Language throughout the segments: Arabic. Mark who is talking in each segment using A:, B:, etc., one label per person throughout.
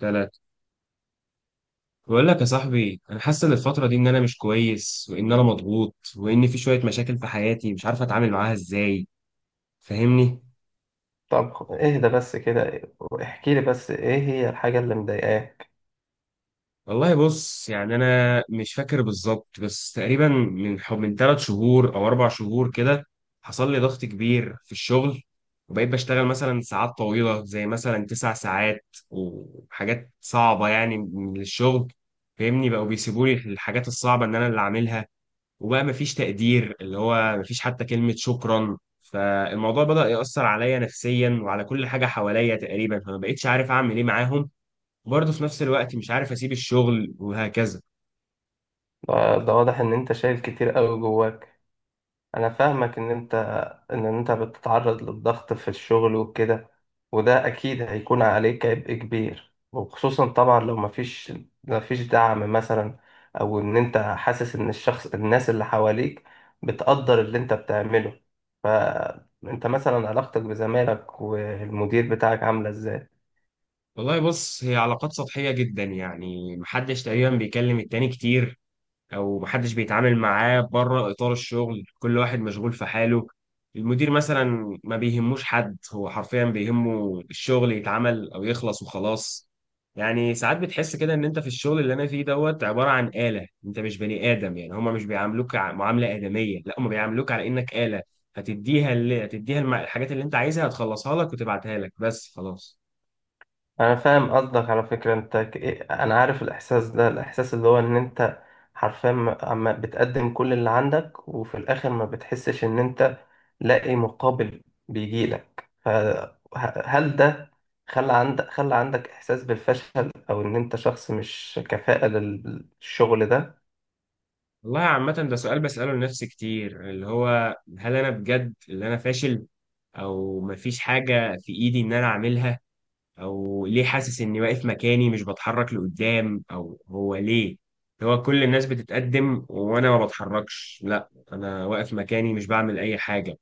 A: ثلاثة. بقول لك يا صاحبي، أنا حاسس إن الفترة دي إن أنا مش كويس، وإن أنا مضغوط، وإن في شوية مشاكل في حياتي مش عارف أتعامل معاها إزاي. فاهمني؟
B: طب اهدى بس كده، واحكي لي بس ايه هي الحاجة اللي مضايقاك؟
A: والله بص، يعني أنا مش فاكر بالظبط، بس تقريبا من 3 شهور أو 4 شهور كده حصل لي ضغط كبير في الشغل. وبقيت بشتغل مثلا ساعات طويلة زي مثلا 9 ساعات وحاجات صعبة يعني من الشغل. فاهمني، بقوا بيسيبوا لي الحاجات الصعبة إن أنا اللي أعملها. وبقى مفيش تقدير، اللي هو مفيش حتى كلمة شكرا، فالموضوع بدأ يأثر عليا نفسيا وعلى كل حاجة حواليا تقريبا، فما بقتش عارف أعمل إيه معاهم. وبرضه في نفس الوقت مش عارف أسيب الشغل وهكذا.
B: ده واضح ان انت شايل كتير قوي جواك. انا فاهمك ان انت بتتعرض للضغط في الشغل وكده. وده اكيد هيكون عليك عبء كبير، وخصوصا طبعا لو مفيش دعم مثلا. او ان انت حاسس ان الناس اللي حواليك بتقدر اللي انت بتعمله. فانت مثلا علاقتك بزمايلك والمدير بتاعك عاملة ازاي؟
A: والله بص، هي علاقات سطحية جدا، يعني محدش تقريبا بيكلم التاني كتير، او محدش بيتعامل معاه بره اطار الشغل، كل واحد مشغول في حاله. المدير مثلا ما بيهموش حد، هو حرفيا بيهمه الشغل يتعمل او يخلص وخلاص. يعني ساعات بتحس كده ان انت في الشغل اللي انا فيه دوت عبارة عن آلة، انت مش بني آدم، يعني هما مش بيعاملوك معاملة آدمية، لا هما بيعاملوك على انك آلة. هتديها اللي هتديها الحاجات اللي انت عايزها هتخلصها لك وتبعتها لك بس خلاص.
B: انا فاهم قصدك على فكرة. انا عارف الاحساس ده، الاحساس اللي هو ان انت حرفيا عم بتقدم كل اللي عندك، وفي الاخر ما بتحسش ان انت لاقي مقابل بيجيلك. فهل ده خلى عندك احساس بالفشل، او ان انت شخص مش كفاءة للشغل ده؟
A: والله عامة ده سؤال بسأله لنفسي كتير، اللي هو هل أنا بجد اللي أنا فاشل؟ أو مفيش حاجة في إيدي إن أنا أعملها؟ أو ليه حاسس إني واقف مكاني مش بتحرك لقدام؟ أو هو ليه اللي هو كل الناس بتتقدم وأنا ما بتحركش؟ لا أنا واقف مكاني مش بعمل أي حاجة.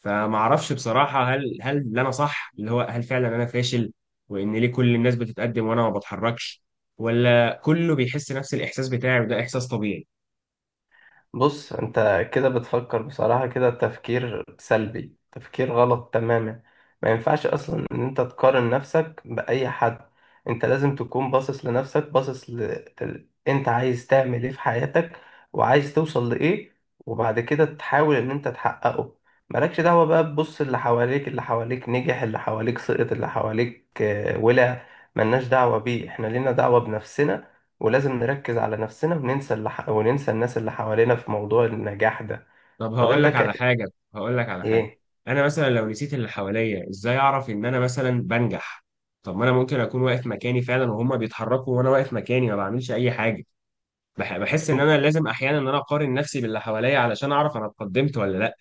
A: فمعرفش بصراحة، هل اللي أنا صح؟ اللي هو هل فعلا أنا فاشل؟ وإن ليه كل الناس بتتقدم وأنا ما بتحركش؟ ولا كله بيحس نفس الإحساس بتاعي وده إحساس طبيعي؟
B: بص، انت كده بتفكر بصراحة، كده تفكير سلبي، تفكير غلط تماما. ما ينفعش اصلا ان انت تقارن نفسك بأي حد. انت لازم تكون باصص لنفسك، انت عايز تعمل ايه في حياتك؟ وعايز توصل لايه؟ وبعد كده تحاول ان انت تحققه. مالكش دعوة بقى تبص اللي حواليك. اللي حواليك نجح، اللي حواليك سقط، اللي حواليك ولا... ملناش دعوة بيه. احنا لينا دعوة بنفسنا. ولازم نركز على نفسنا وننسى وننسى الناس اللي حوالينا في موضوع النجاح ده.
A: طب
B: طب
A: هقول
B: انت
A: لك على
B: ك...
A: حاجة. هقول لك على حاجة.
B: ايه؟
A: أنا مثلا لو نسيت اللي حواليا، إزاي أعرف إن أنا مثلا بنجح؟ طب ما أنا ممكن أكون واقف مكاني فعلا وهما بيتحركوا وأنا واقف مكاني ما بعملش أي حاجة. بحس إن أنا لازم أحيانا إن أنا أقارن نفسي باللي حواليا علشان أعرف أنا اتقدمت ولا لأ.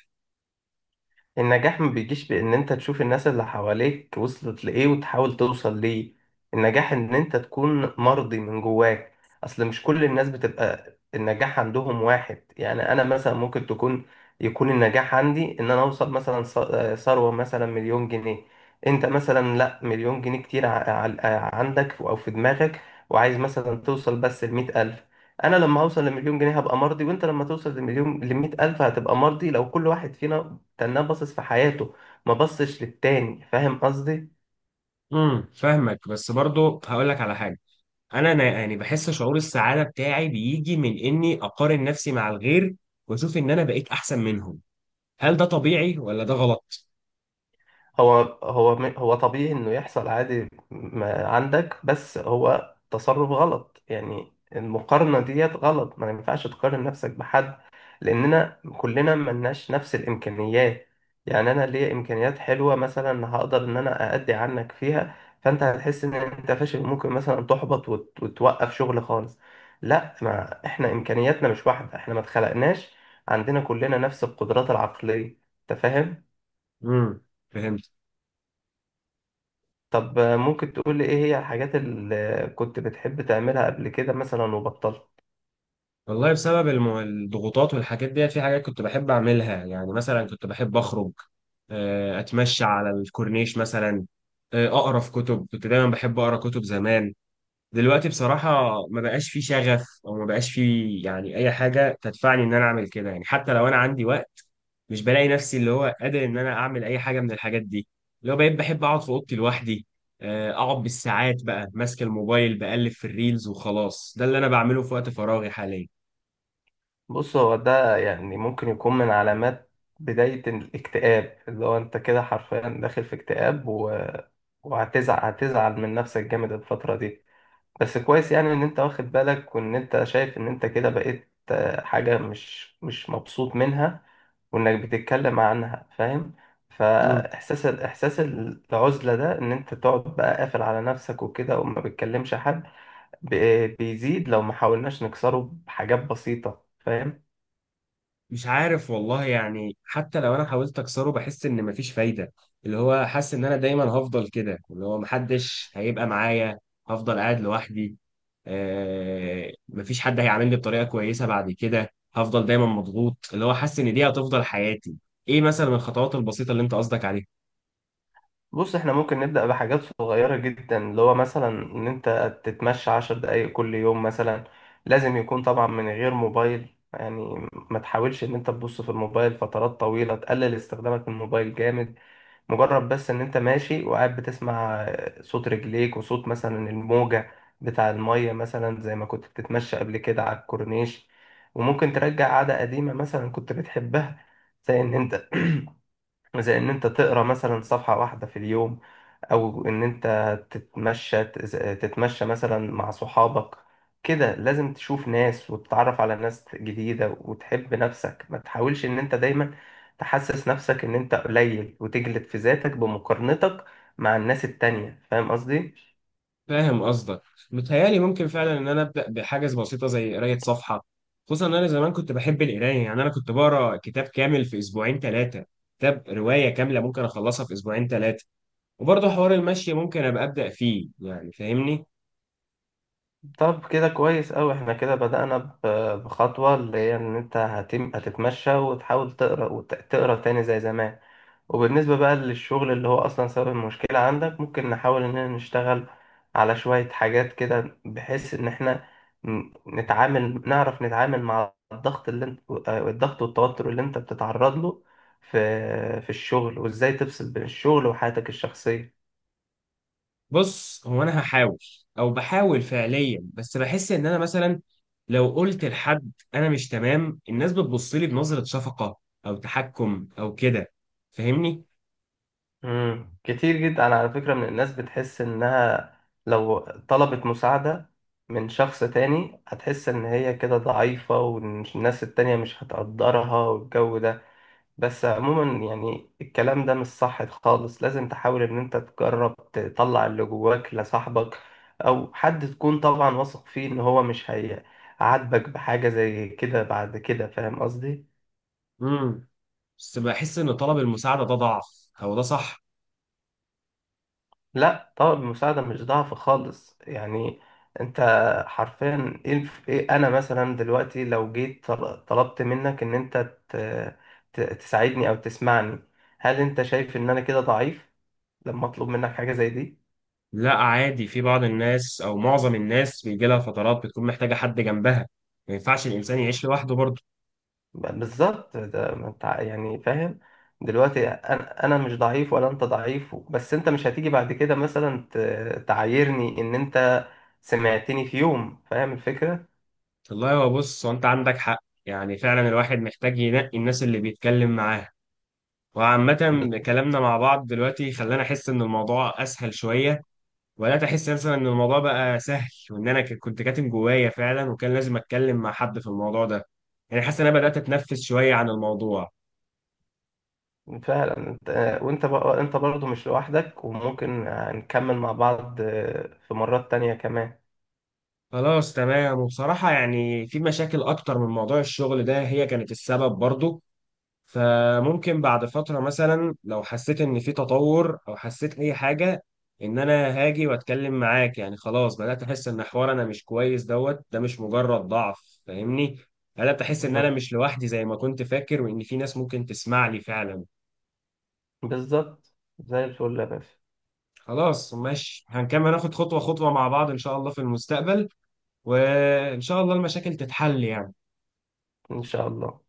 B: النجاح ما بيجيش بإن أنت تشوف الناس اللي حواليك وصلت لإيه وتحاول توصل ليه. النجاح إن أنت تكون مرضي من جواك. أصل مش كل الناس بتبقى النجاح عندهم واحد. يعني أنا مثلا ممكن يكون النجاح عندي إن أنا أوصل مثلا ثروة مثلا مليون جنيه. أنت مثلا لأ، مليون جنيه كتير عندك أو في دماغك. وعايز مثلا توصل بس لمية ألف. أنا لما أوصل لمليون جنيه هبقى مرضي، وأنت لما توصل لمية ألف هتبقى مرضي، لو كل واحد فينا تناه باصص في حياته ما بصش للتاني. فاهم قصدي؟
A: امم، فاهمك، بس برضو هقول لك على حاجة. أنا يعني بحس شعور السعادة بتاعي بيجي من إني أقارن نفسي مع الغير، وأشوف إن أنا بقيت أحسن منهم. هل ده طبيعي ولا ده غلط؟
B: هو طبيعي انه يحصل، عادي ما عندك، بس هو تصرف غلط. يعني المقارنة ديت غلط، ما ينفعش تقارن نفسك بحد. لاننا كلنا ملناش نفس الامكانيات. يعني انا ليا امكانيات حلوه مثلا، هقدر ان انا اادي عنك فيها. فانت هتحس ان انت فاشل، ممكن مثلا تحبط وتوقف شغل خالص. لا، ما احنا امكانياتنا مش واحده، احنا ما اتخلقناش عندنا كلنا نفس القدرات العقليه. انت فاهم؟
A: امم. فهمت.
B: طب ممكن تقول لي ايه هي الحاجات اللي كنت بتحب تعملها قبل كده مثلا وبطلت؟
A: والله بسبب الضغوطات والحاجات ديت في حاجات كنت بحب أعملها. يعني مثلا كنت بحب أخرج، أتمشى على الكورنيش مثلا، أقرأ في كتب، كنت دايما بحب أقرأ كتب زمان. دلوقتي بصراحة ما بقاش في شغف أو ما بقاش في يعني أي حاجة تدفعني إن أنا أعمل كده، يعني حتى لو أنا عندي وقت مش بلاقي نفسي اللي هو قادر إن أنا أعمل أي حاجة من الحاجات دي. اللي هو بقيت بحب أقعد في أوضتي لوحدي، أقعد بالساعات بقى ماسك الموبايل بقلب في الريلز وخلاص، ده اللي أنا بعمله في وقت فراغي حاليا.
B: بص، هو ده يعني ممكن يكون من علامات بداية الاكتئاب، اللي هو انت كده حرفيا داخل في اكتئاب وهتزعل من نفسك جامد الفترة دي. بس كويس، يعني ان انت واخد بالك، وان انت شايف ان انت كده بقيت حاجة مش مبسوط منها، وانك بتتكلم عنها. فاهم؟ احساس العزلة ده ان انت تقعد بقى قافل على نفسك وكده، وما بتكلمش حد بيزيد لو ما حاولناش نكسره بحاجات بسيطة. فاهم؟
A: مش عارف والله، يعني حتى لو انا حاولت اكسره بحس ان مفيش فايده، اللي هو حاسس ان انا دايما هفضل كده، اللي هو محدش هيبقى معايا، هفضل قاعد لوحدي. مفيش حد هيعاملني بطريقه كويسه بعد كده، هفضل دايما مضغوط، اللي هو حاسس ان دي هتفضل حياتي. ايه مثلا الخطوات البسيطه اللي انت قصدك عليها؟
B: بص، احنا ممكن نبدأ بحاجات صغيرة جدا، اللي هو مثلا ان انت تتمشى 10 دقايق كل يوم مثلا. لازم يكون طبعا من غير موبايل، يعني ما تحاولش ان انت تبص في الموبايل فترات طويلة. تقلل استخدامك للموبايل جامد. مجرد بس ان انت ماشي وقاعد بتسمع صوت رجليك وصوت مثلا الموجة بتاع المية مثلا، زي ما كنت بتتمشى قبل كده على الكورنيش. وممكن ترجع عادة قديمة مثلا كنت بتحبها، زي ان انت زي ان انت تقرا مثلا صفحة واحدة في اليوم، او ان انت تتمشى تتمشى مثلا مع صحابك. كده لازم تشوف ناس وتتعرف على ناس جديدة وتحب نفسك. ما تحاولش ان انت دايما تحسس نفسك ان انت قليل وتجلد في ذاتك بمقارنتك مع الناس التانية. فاهم قصدي؟
A: فاهم قصدك. متهيألي ممكن فعلا ان انا ابدا بحاجز بسيطه زي قرايه صفحه، خصوصا ان انا زمان كنت بحب القرايه، يعني انا كنت بقرا كتاب كامل في اسبوعين ثلاثه، كتاب روايه كامله ممكن اخلصها في اسبوعين ثلاثه. وبرضه حوار المشي ممكن ابقى ابدا فيه، يعني فاهمني.
B: طب كده كويس أوي، احنا كده بدأنا بخطوة، اللي هي ان انت هتتمشى وتحاول تقرا وتقرا تاني زي زمان. وبالنسبة بقى للشغل اللي هو أصلا سبب المشكلة عندك، ممكن نحاول إننا نشتغل على شوية حاجات كده، بحيث إن إحنا ن- نتعامل نعرف نتعامل مع الضغط، اللي انت آه، الضغط والتوتر اللي أنت بتتعرض له في الشغل، وإزاي تفصل بين الشغل وحياتك الشخصية.
A: بص، هو انا هحاول او بحاول فعليا، بس بحس ان انا مثلا لو قلت لحد انا مش تمام، الناس بتبص لي بنظره شفقه او تحكم او كده، فاهمني.
B: مم. كتير جدا على فكرة من الناس بتحس إنها لو طلبت مساعدة من شخص تاني هتحس إن هي كده ضعيفة، والناس التانية مش هتقدرها والجو ده. بس عموما يعني الكلام ده مش صح خالص. لازم تحاول ان انت تجرب تطلع اللي جواك لصاحبك او حد تكون طبعا واثق فيه ان هو مش هيعاتبك بحاجة زي كده بعد كده. فاهم قصدي؟
A: امم بس بحس ان طلب المساعده ده ضعف، هو ده صح؟
B: لا طبعا، المساعدة مش ضعف خالص. يعني انت حرفيا ايه الف- إيه انا مثلا دلوقتي لو جيت طلبت منك ان انت ت- تساعدني او تسمعني، هل انت شايف ان انا كده ضعيف لما اطلب منك حاجة زي دي؟
A: لا، عادي، في بعض الناس او معظم الناس بيجي لها فترات بتكون محتاجه حد جنبها، ما ينفعش الانسان يعيش لوحده برضه.
B: بالظبط ده. ما انت يعني فاهم. دلوقتي انا مش ضعيف ولا انت ضعيف، بس انت مش هتيجي بعد كده مثلا تعايرني ان انت سمعتني في يوم. فاهم الفكرة؟
A: والله هو بص، هو انت عندك حق، يعني فعلا الواحد محتاج ينقي الناس اللي بيتكلم معاها، وعامة
B: بس-
A: كلامنا مع بعض دلوقتي خلاني أحس إن الموضوع أسهل شوية. ولا تحس مثلا إن الموضوع بقى سهل وإن أنا كنت كاتم جوايا فعلا، وكان لازم أتكلم مع حد في الموضوع ده؟ يعني حاسس إن أنا بدأت أتنفس شوية عن الموضوع.
B: فعلا انت. وانت بقى انت برضه مش لوحدك، وممكن نكمل مع بعض في مرات تانية كمان.
A: خلاص تمام، وبصراحة يعني في مشاكل أكتر من موضوع الشغل ده هي كانت السبب برضو، فممكن بعد فترة مثلا لو حسيت إن في تطور أو حسيت أي حاجة إن أنا هاجي وأتكلم معاك. يعني خلاص بدأت أحس إن حوار أنا مش كويس دوت ده مش مجرد ضعف، فاهمني. بدأت أحس إن أنا
B: مم.
A: مش لوحدي زي ما كنت فاكر، وإن في ناس ممكن تسمع لي فعلا.
B: بالظبط. زي الفل يا باشا.
A: خلاص ماشي، هنكمل ناخد خطوة خطوة مع بعض إن شاء الله في المستقبل، وإن شاء الله المشاكل تتحل يعني.
B: ان شاء الله.